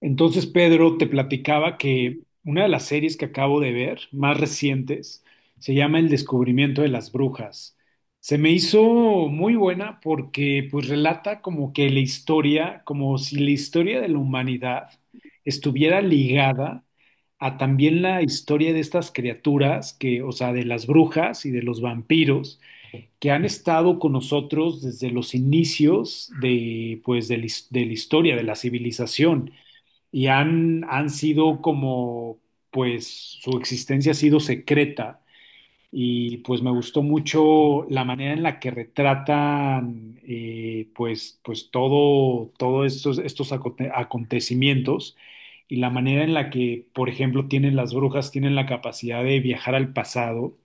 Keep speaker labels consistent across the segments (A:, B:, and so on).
A: Entonces, Pedro, te platicaba que una de las series que acabo de ver, más recientes, se llama El descubrimiento de las brujas. Se me hizo muy buena porque pues relata como que la historia, como si la historia de la humanidad estuviera ligada a también la historia de estas criaturas que, o sea, de las brujas y de los vampiros que han estado con nosotros desde los inicios de pues de de la historia, de la civilización y han sido como, pues su existencia ha sido secreta y pues me gustó mucho la manera en la que retratan pues todo estos acontecimientos y la manera en la que, por ejemplo, tienen las brujas, tienen la capacidad de viajar al pasado.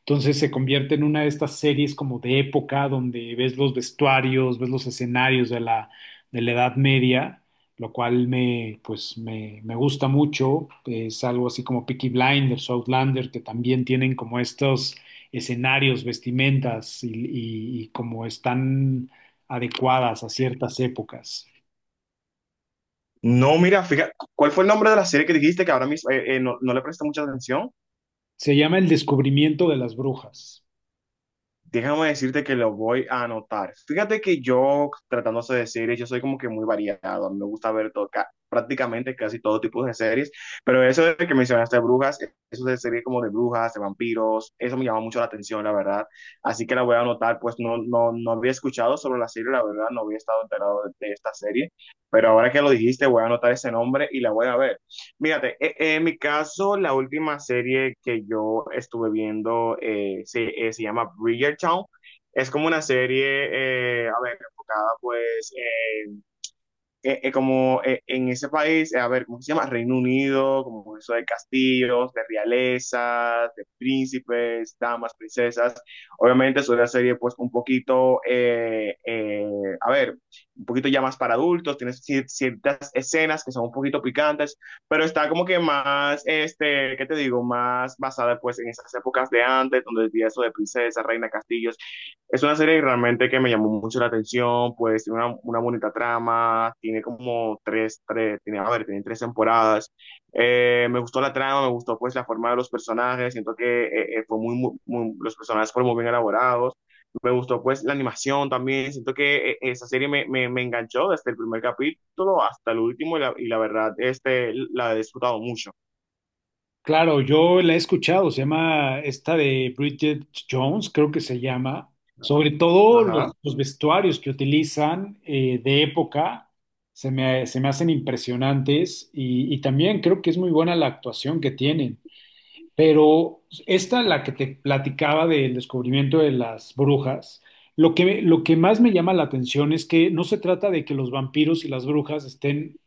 A: Entonces se convierte en una de estas series como de época donde ves los vestuarios, ves los escenarios de la Edad Media, lo cual me gusta mucho. Es algo así como Peaky Blinders, Outlander, que también tienen como estos escenarios, vestimentas y como están adecuadas a ciertas épocas.
B: No, mira, fíjate, ¿cuál fue el nombre de la serie que dijiste que ahora mismo no, no le presté mucha atención?
A: Se llama El descubrimiento de las brujas.
B: Déjame decirte que lo voy a anotar. Fíjate que yo, tratándose de series, yo soy como que muy variado. A mí me gusta ver todo, prácticamente casi todo tipo de series, pero eso de que mencionaste de brujas, eso de series como de brujas, de vampiros, eso me llama mucho la atención, la verdad. Así que la voy a anotar, pues no, no, no había escuchado sobre la serie, la verdad, no había estado enterado de esta serie, pero ahora que lo dijiste, voy a anotar ese nombre y la voy a ver. Fíjate, en mi caso, la última serie que yo estuve viendo se llama Bridgerton. Es como una serie, a ver, enfocada pues como en ese país, a ver, ¿cómo se llama? Reino Unido, como eso de castillos, de realezas, de príncipes, damas, princesas. Obviamente es una serie pues un poquito, a ver, un poquito ya más para adultos, tiene ciertas escenas que son un poquito picantes, pero está como que más, este, ¿qué te digo? Más basada pues en esas épocas de antes, donde decía eso de princesa, reina, castillos, es una serie realmente que me llamó mucho la atención, pues tiene una bonita trama, tiene como a ver, tiene tres temporadas. Me gustó la trama, me gustó pues la forma de los personajes, siento que fue los personajes fueron muy bien elaborados. Me gustó pues la animación también, siento que esa serie me enganchó desde el primer capítulo hasta el último y la verdad, este, la he disfrutado mucho.
A: Claro, yo la he escuchado, se llama esta de Bridget Jones, creo que se llama, sobre todo
B: Ajá.
A: los vestuarios que utilizan de época, se me hacen impresionantes y también creo que es muy buena la actuación que tienen, pero esta, la que te platicaba del descubrimiento de las brujas, lo que más me llama la atención es que no se trata de que los vampiros y las brujas estén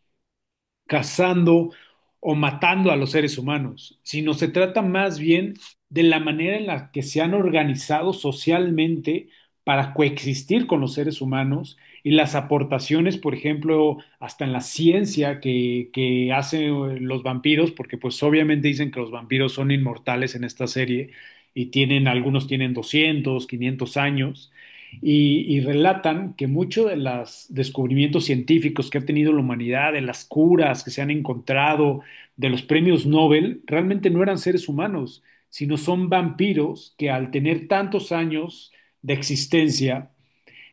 A: cazando o matando a los seres humanos, sino se trata más bien de la manera en la que se han organizado socialmente para coexistir con los seres humanos y las aportaciones, por ejemplo, hasta en la ciencia que hacen los vampiros, porque pues obviamente dicen que los vampiros son inmortales en esta serie y tienen, algunos tienen 200, 500 años y relatan que muchos de los descubrimientos científicos que ha tenido la humanidad, de las curas que se han encontrado, de los premios Nobel, realmente no eran seres humanos, sino son vampiros que al tener tantos años de existencia,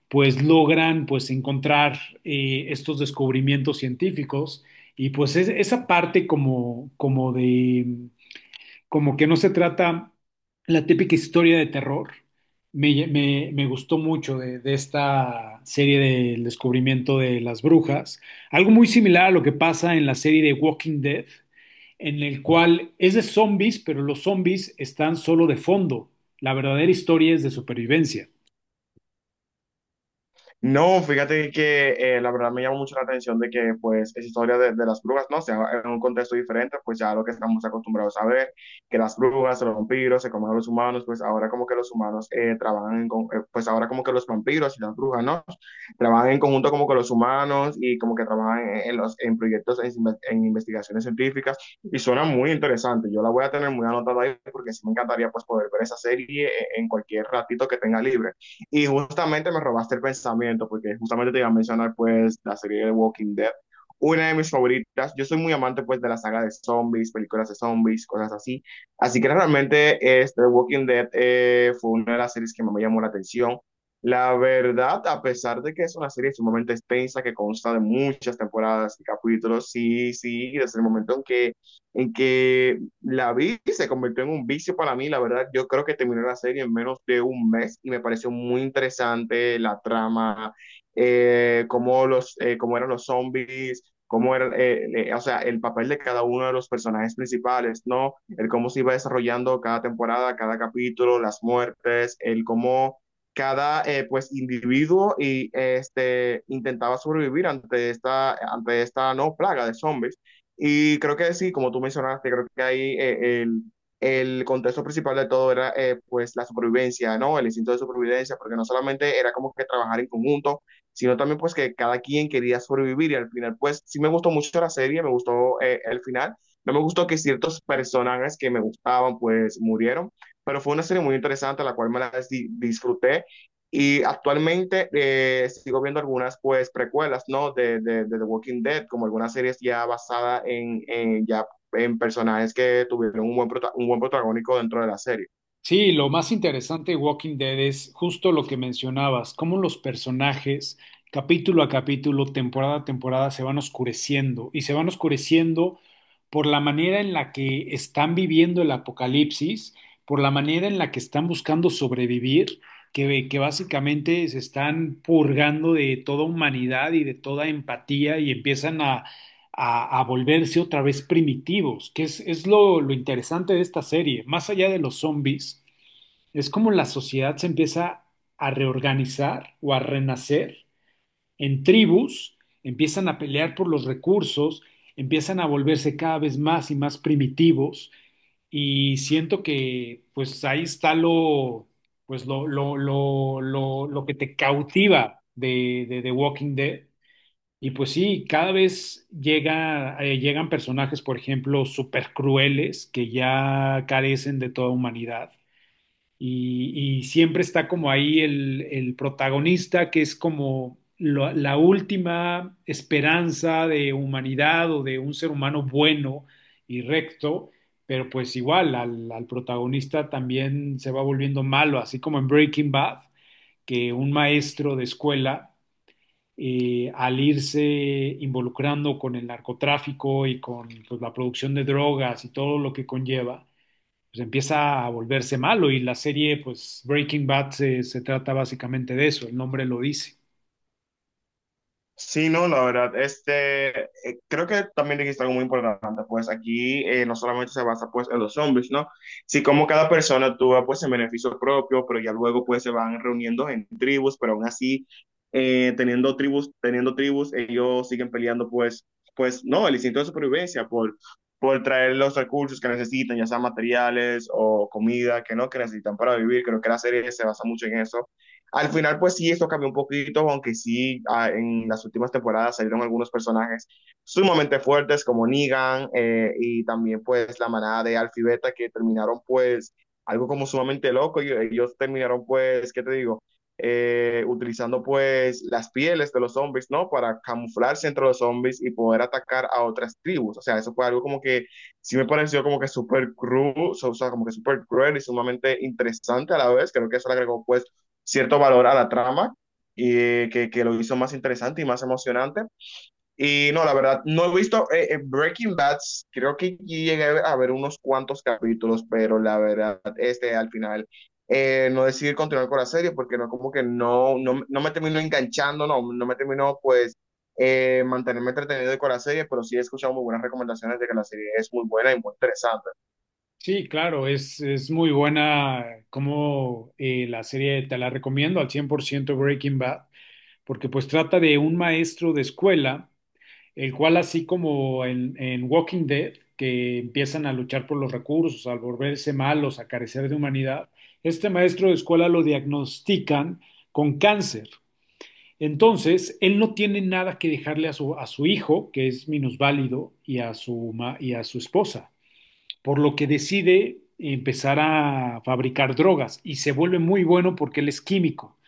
A: pues logran pues encontrar estos descubrimientos científicos y pues esa parte como de como que no se trata la típica historia de terror. Me gustó mucho de esta serie del descubrimiento de las brujas. Algo muy similar a lo que pasa en la serie de Walking Dead, en el cual es de zombies, pero los zombies están solo de fondo. La verdadera historia es de supervivencia.
B: No, fíjate que la verdad me llama mucho la atención de que pues esa historia de las brujas, no, o sea, en un contexto diferente, pues ya lo que estamos acostumbrados a ver, que las brujas, los vampiros se comen a los humanos, pues ahora como que los humanos pues ahora como que los vampiros y las brujas, ¿no? Trabajan en conjunto como con los humanos y como que trabajan en proyectos, en investigaciones científicas y suena muy interesante. Yo la voy a tener muy anotada ahí porque sí me encantaría pues poder ver esa serie en cualquier ratito que tenga libre. Y justamente me robaste el pensamiento, porque justamente te iba a mencionar pues la serie de Walking Dead, una de mis favoritas. Yo soy muy amante pues de la saga de zombies, películas de zombies, cosas así. Así que realmente este Walking Dead fue una de las series que más me llamó la atención. La verdad, a pesar de que es una serie sumamente extensa, que consta de muchas temporadas y capítulos, sí, sí, desde el momento en que la vi, se convirtió en un vicio para mí, la verdad, yo creo que terminé la serie en menos de un mes y me pareció muy interesante la trama, cómo eran los zombies, cómo era, o sea, el papel de cada uno de los personajes principales, ¿no? El cómo se iba desarrollando cada temporada, cada capítulo, las muertes, el cómo cada, pues, individuo y, este, intentaba sobrevivir no, plaga de zombies. Y creo que sí, como tú mencionaste, creo que ahí el contexto principal de todo era pues la supervivencia, ¿no? El instinto de supervivencia, porque no solamente era como que trabajar en conjunto, sino también pues que cada quien quería sobrevivir y al final pues sí me gustó mucho la serie, me gustó el final, no me gustó que ciertos personajes que me gustaban pues murieron, pero fue una serie muy interesante, la cual me la disfruté y actualmente sigo viendo algunas pues precuelas, ¿no? De The Walking Dead, como algunas series ya basadas ya en personajes que tuvieron un un buen protagónico dentro de la serie.
A: Sí, lo más interesante de Walking Dead es justo lo que mencionabas, cómo los personajes, capítulo a capítulo, temporada a temporada, se van oscureciendo y se van oscureciendo por la manera en la que están viviendo el apocalipsis, por la manera en la que están buscando sobrevivir, que básicamente se están purgando de toda humanidad y de toda empatía y empiezan a volverse otra vez primitivos, que es lo interesante de esta serie, más allá de los zombies. Es como la sociedad se empieza a reorganizar o a renacer en tribus, empiezan a pelear por los recursos, empiezan a volverse cada vez más y más primitivos y siento que pues ahí está lo, pues, lo que te cautiva de The Walking Dead. Y pues sí, cada vez llegan personajes, por ejemplo, súper crueles que ya carecen de toda humanidad y siempre está como ahí el protagonista que es como la última esperanza de humanidad o de un ser humano bueno y recto, pero pues igual al protagonista también se va volviendo malo, así como en Breaking Bad, que un maestro de escuela, al irse involucrando con el narcotráfico y con pues, la producción de drogas y todo lo que conlleva, pues empieza a volverse malo y la serie, pues Breaking Bad se trata básicamente de eso, el nombre lo dice.
B: Sí, no, la verdad, este, creo que también dijiste algo muy importante, pues aquí no solamente se basa pues en los zombies, ¿no? Sí, como cada persona actúa pues en beneficio propio, pero ya luego pues se van reuniendo en tribus, pero aún así, teniendo tribus, ellos siguen peleando pues, pues no, el instinto de supervivencia por traer los recursos que necesitan, ya sean materiales o comida que no, que necesitan para vivir, creo que la serie se basa mucho en eso. Al final, pues sí, esto cambió un poquito, aunque sí, ah, en las últimas temporadas salieron algunos personajes sumamente fuertes como Negan y también pues la manada de Alfie Beta que terminaron pues algo como sumamente loco. Ellos terminaron pues, ¿qué te digo? Utilizando pues las pieles de los zombies, ¿no? Para camuflarse entre los zombies y poder atacar a otras tribus. O sea, eso fue algo como que sí me pareció como que súper cruel, o sea, como que súper cruel y sumamente interesante a la vez. Creo que eso le agregó pues cierto valor a la trama y que lo hizo más interesante y más emocionante. Y no, la verdad, no he visto Breaking Bad, creo que sí llegué a ver unos cuantos capítulos, pero la verdad, este al final no decidí continuar con la serie porque no, como que no, no, no me terminó enganchando, no, no me terminó pues mantenerme entretenido con la serie, pero sí he escuchado muy buenas recomendaciones de que la serie es muy buena y muy interesante.
A: Sí, claro, es muy buena como la serie, te la recomiendo al 100% Breaking Bad, porque pues trata de un maestro de escuela, el cual así como en Walking Dead, que empiezan a luchar por los recursos, al volverse malos, a carecer de humanidad, este maestro de escuela lo diagnostican con cáncer. Entonces, él no tiene nada que dejarle a su, hijo, que es minusválido, y a su, y a su esposa, por lo que decide empezar a fabricar drogas y se vuelve muy bueno porque él es químico.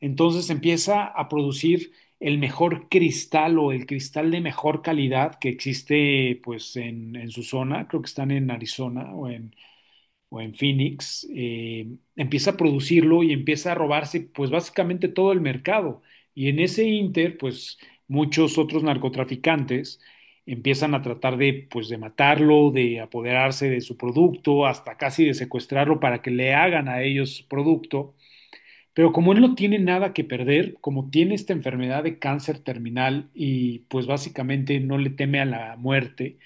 A: Entonces empieza a producir el mejor cristal o el cristal de mejor calidad que existe pues en su zona, creo que están en Arizona o en Phoenix, empieza a producirlo y empieza a robarse pues básicamente todo el mercado. Y en ese inter, pues muchos otros narcotraficantes empiezan a tratar de matarlo, de apoderarse de su producto, hasta casi de secuestrarlo para que le hagan a ellos su producto. Pero como él no tiene nada que perder, como tiene esta enfermedad de cáncer terminal y pues básicamente no le teme a la muerte,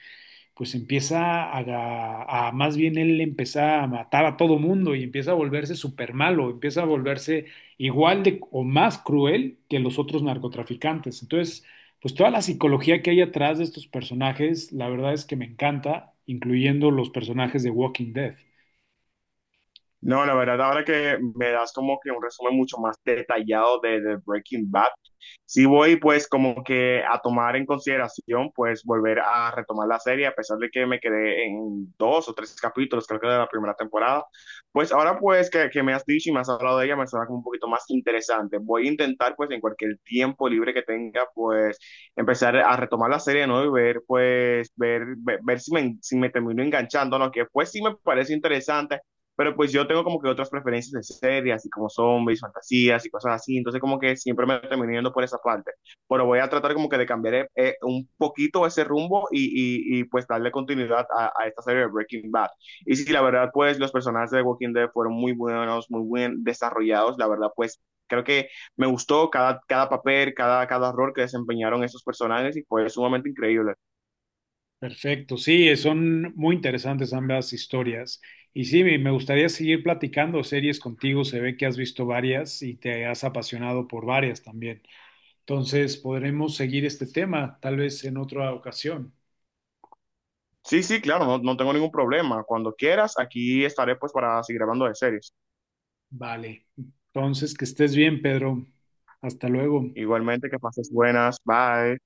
A: pues empieza más bien él empieza a matar a todo mundo y empieza a volverse súper malo, empieza a volverse igual de o más cruel que los otros narcotraficantes. Entonces, pues toda la psicología que hay atrás de estos personajes, la verdad es que me encanta, incluyendo los personajes de Walking Dead.
B: No, la verdad, ahora que me das como que un resumen mucho más detallado de Breaking Bad, sí voy pues como que a tomar en consideración pues volver a retomar la serie, a pesar de que me quedé en dos o tres capítulos, creo que de la primera temporada, pues ahora pues que me has dicho y me has hablado de ella, me suena como un poquito más interesante. Voy a intentar pues en cualquier tiempo libre que tenga pues empezar a retomar la serie de nuevo y ver pues ver si me, si me termino enganchando, ¿no? Que pues sí me parece interesante. Pero pues yo tengo como que otras preferencias de series, así como zombies, fantasías y cosas así. Entonces como que siempre me termino yendo por esa parte. Pero voy a tratar como que de cambiar un poquito ese rumbo y pues darle continuidad esta serie de Breaking Bad. Y sí, la verdad pues los personajes de Walking Dead fueron muy buenos, muy bien desarrollados. La verdad pues creo que me gustó cada papel, cada rol que desempeñaron esos personajes y fue sumamente increíble.
A: Perfecto, sí, son muy interesantes ambas historias. Y sí, me gustaría seguir platicando series contigo, se ve que has visto varias y te has apasionado por varias también. Entonces podremos seguir este tema, tal vez en otra ocasión.
B: Sí, sí, claro, no, no tengo ningún problema. Cuando quieras, aquí estaré pues para seguir hablando de series.
A: Vale. Entonces, que estés bien, Pedro. Hasta luego.
B: Igualmente, que pases buenas. Bye.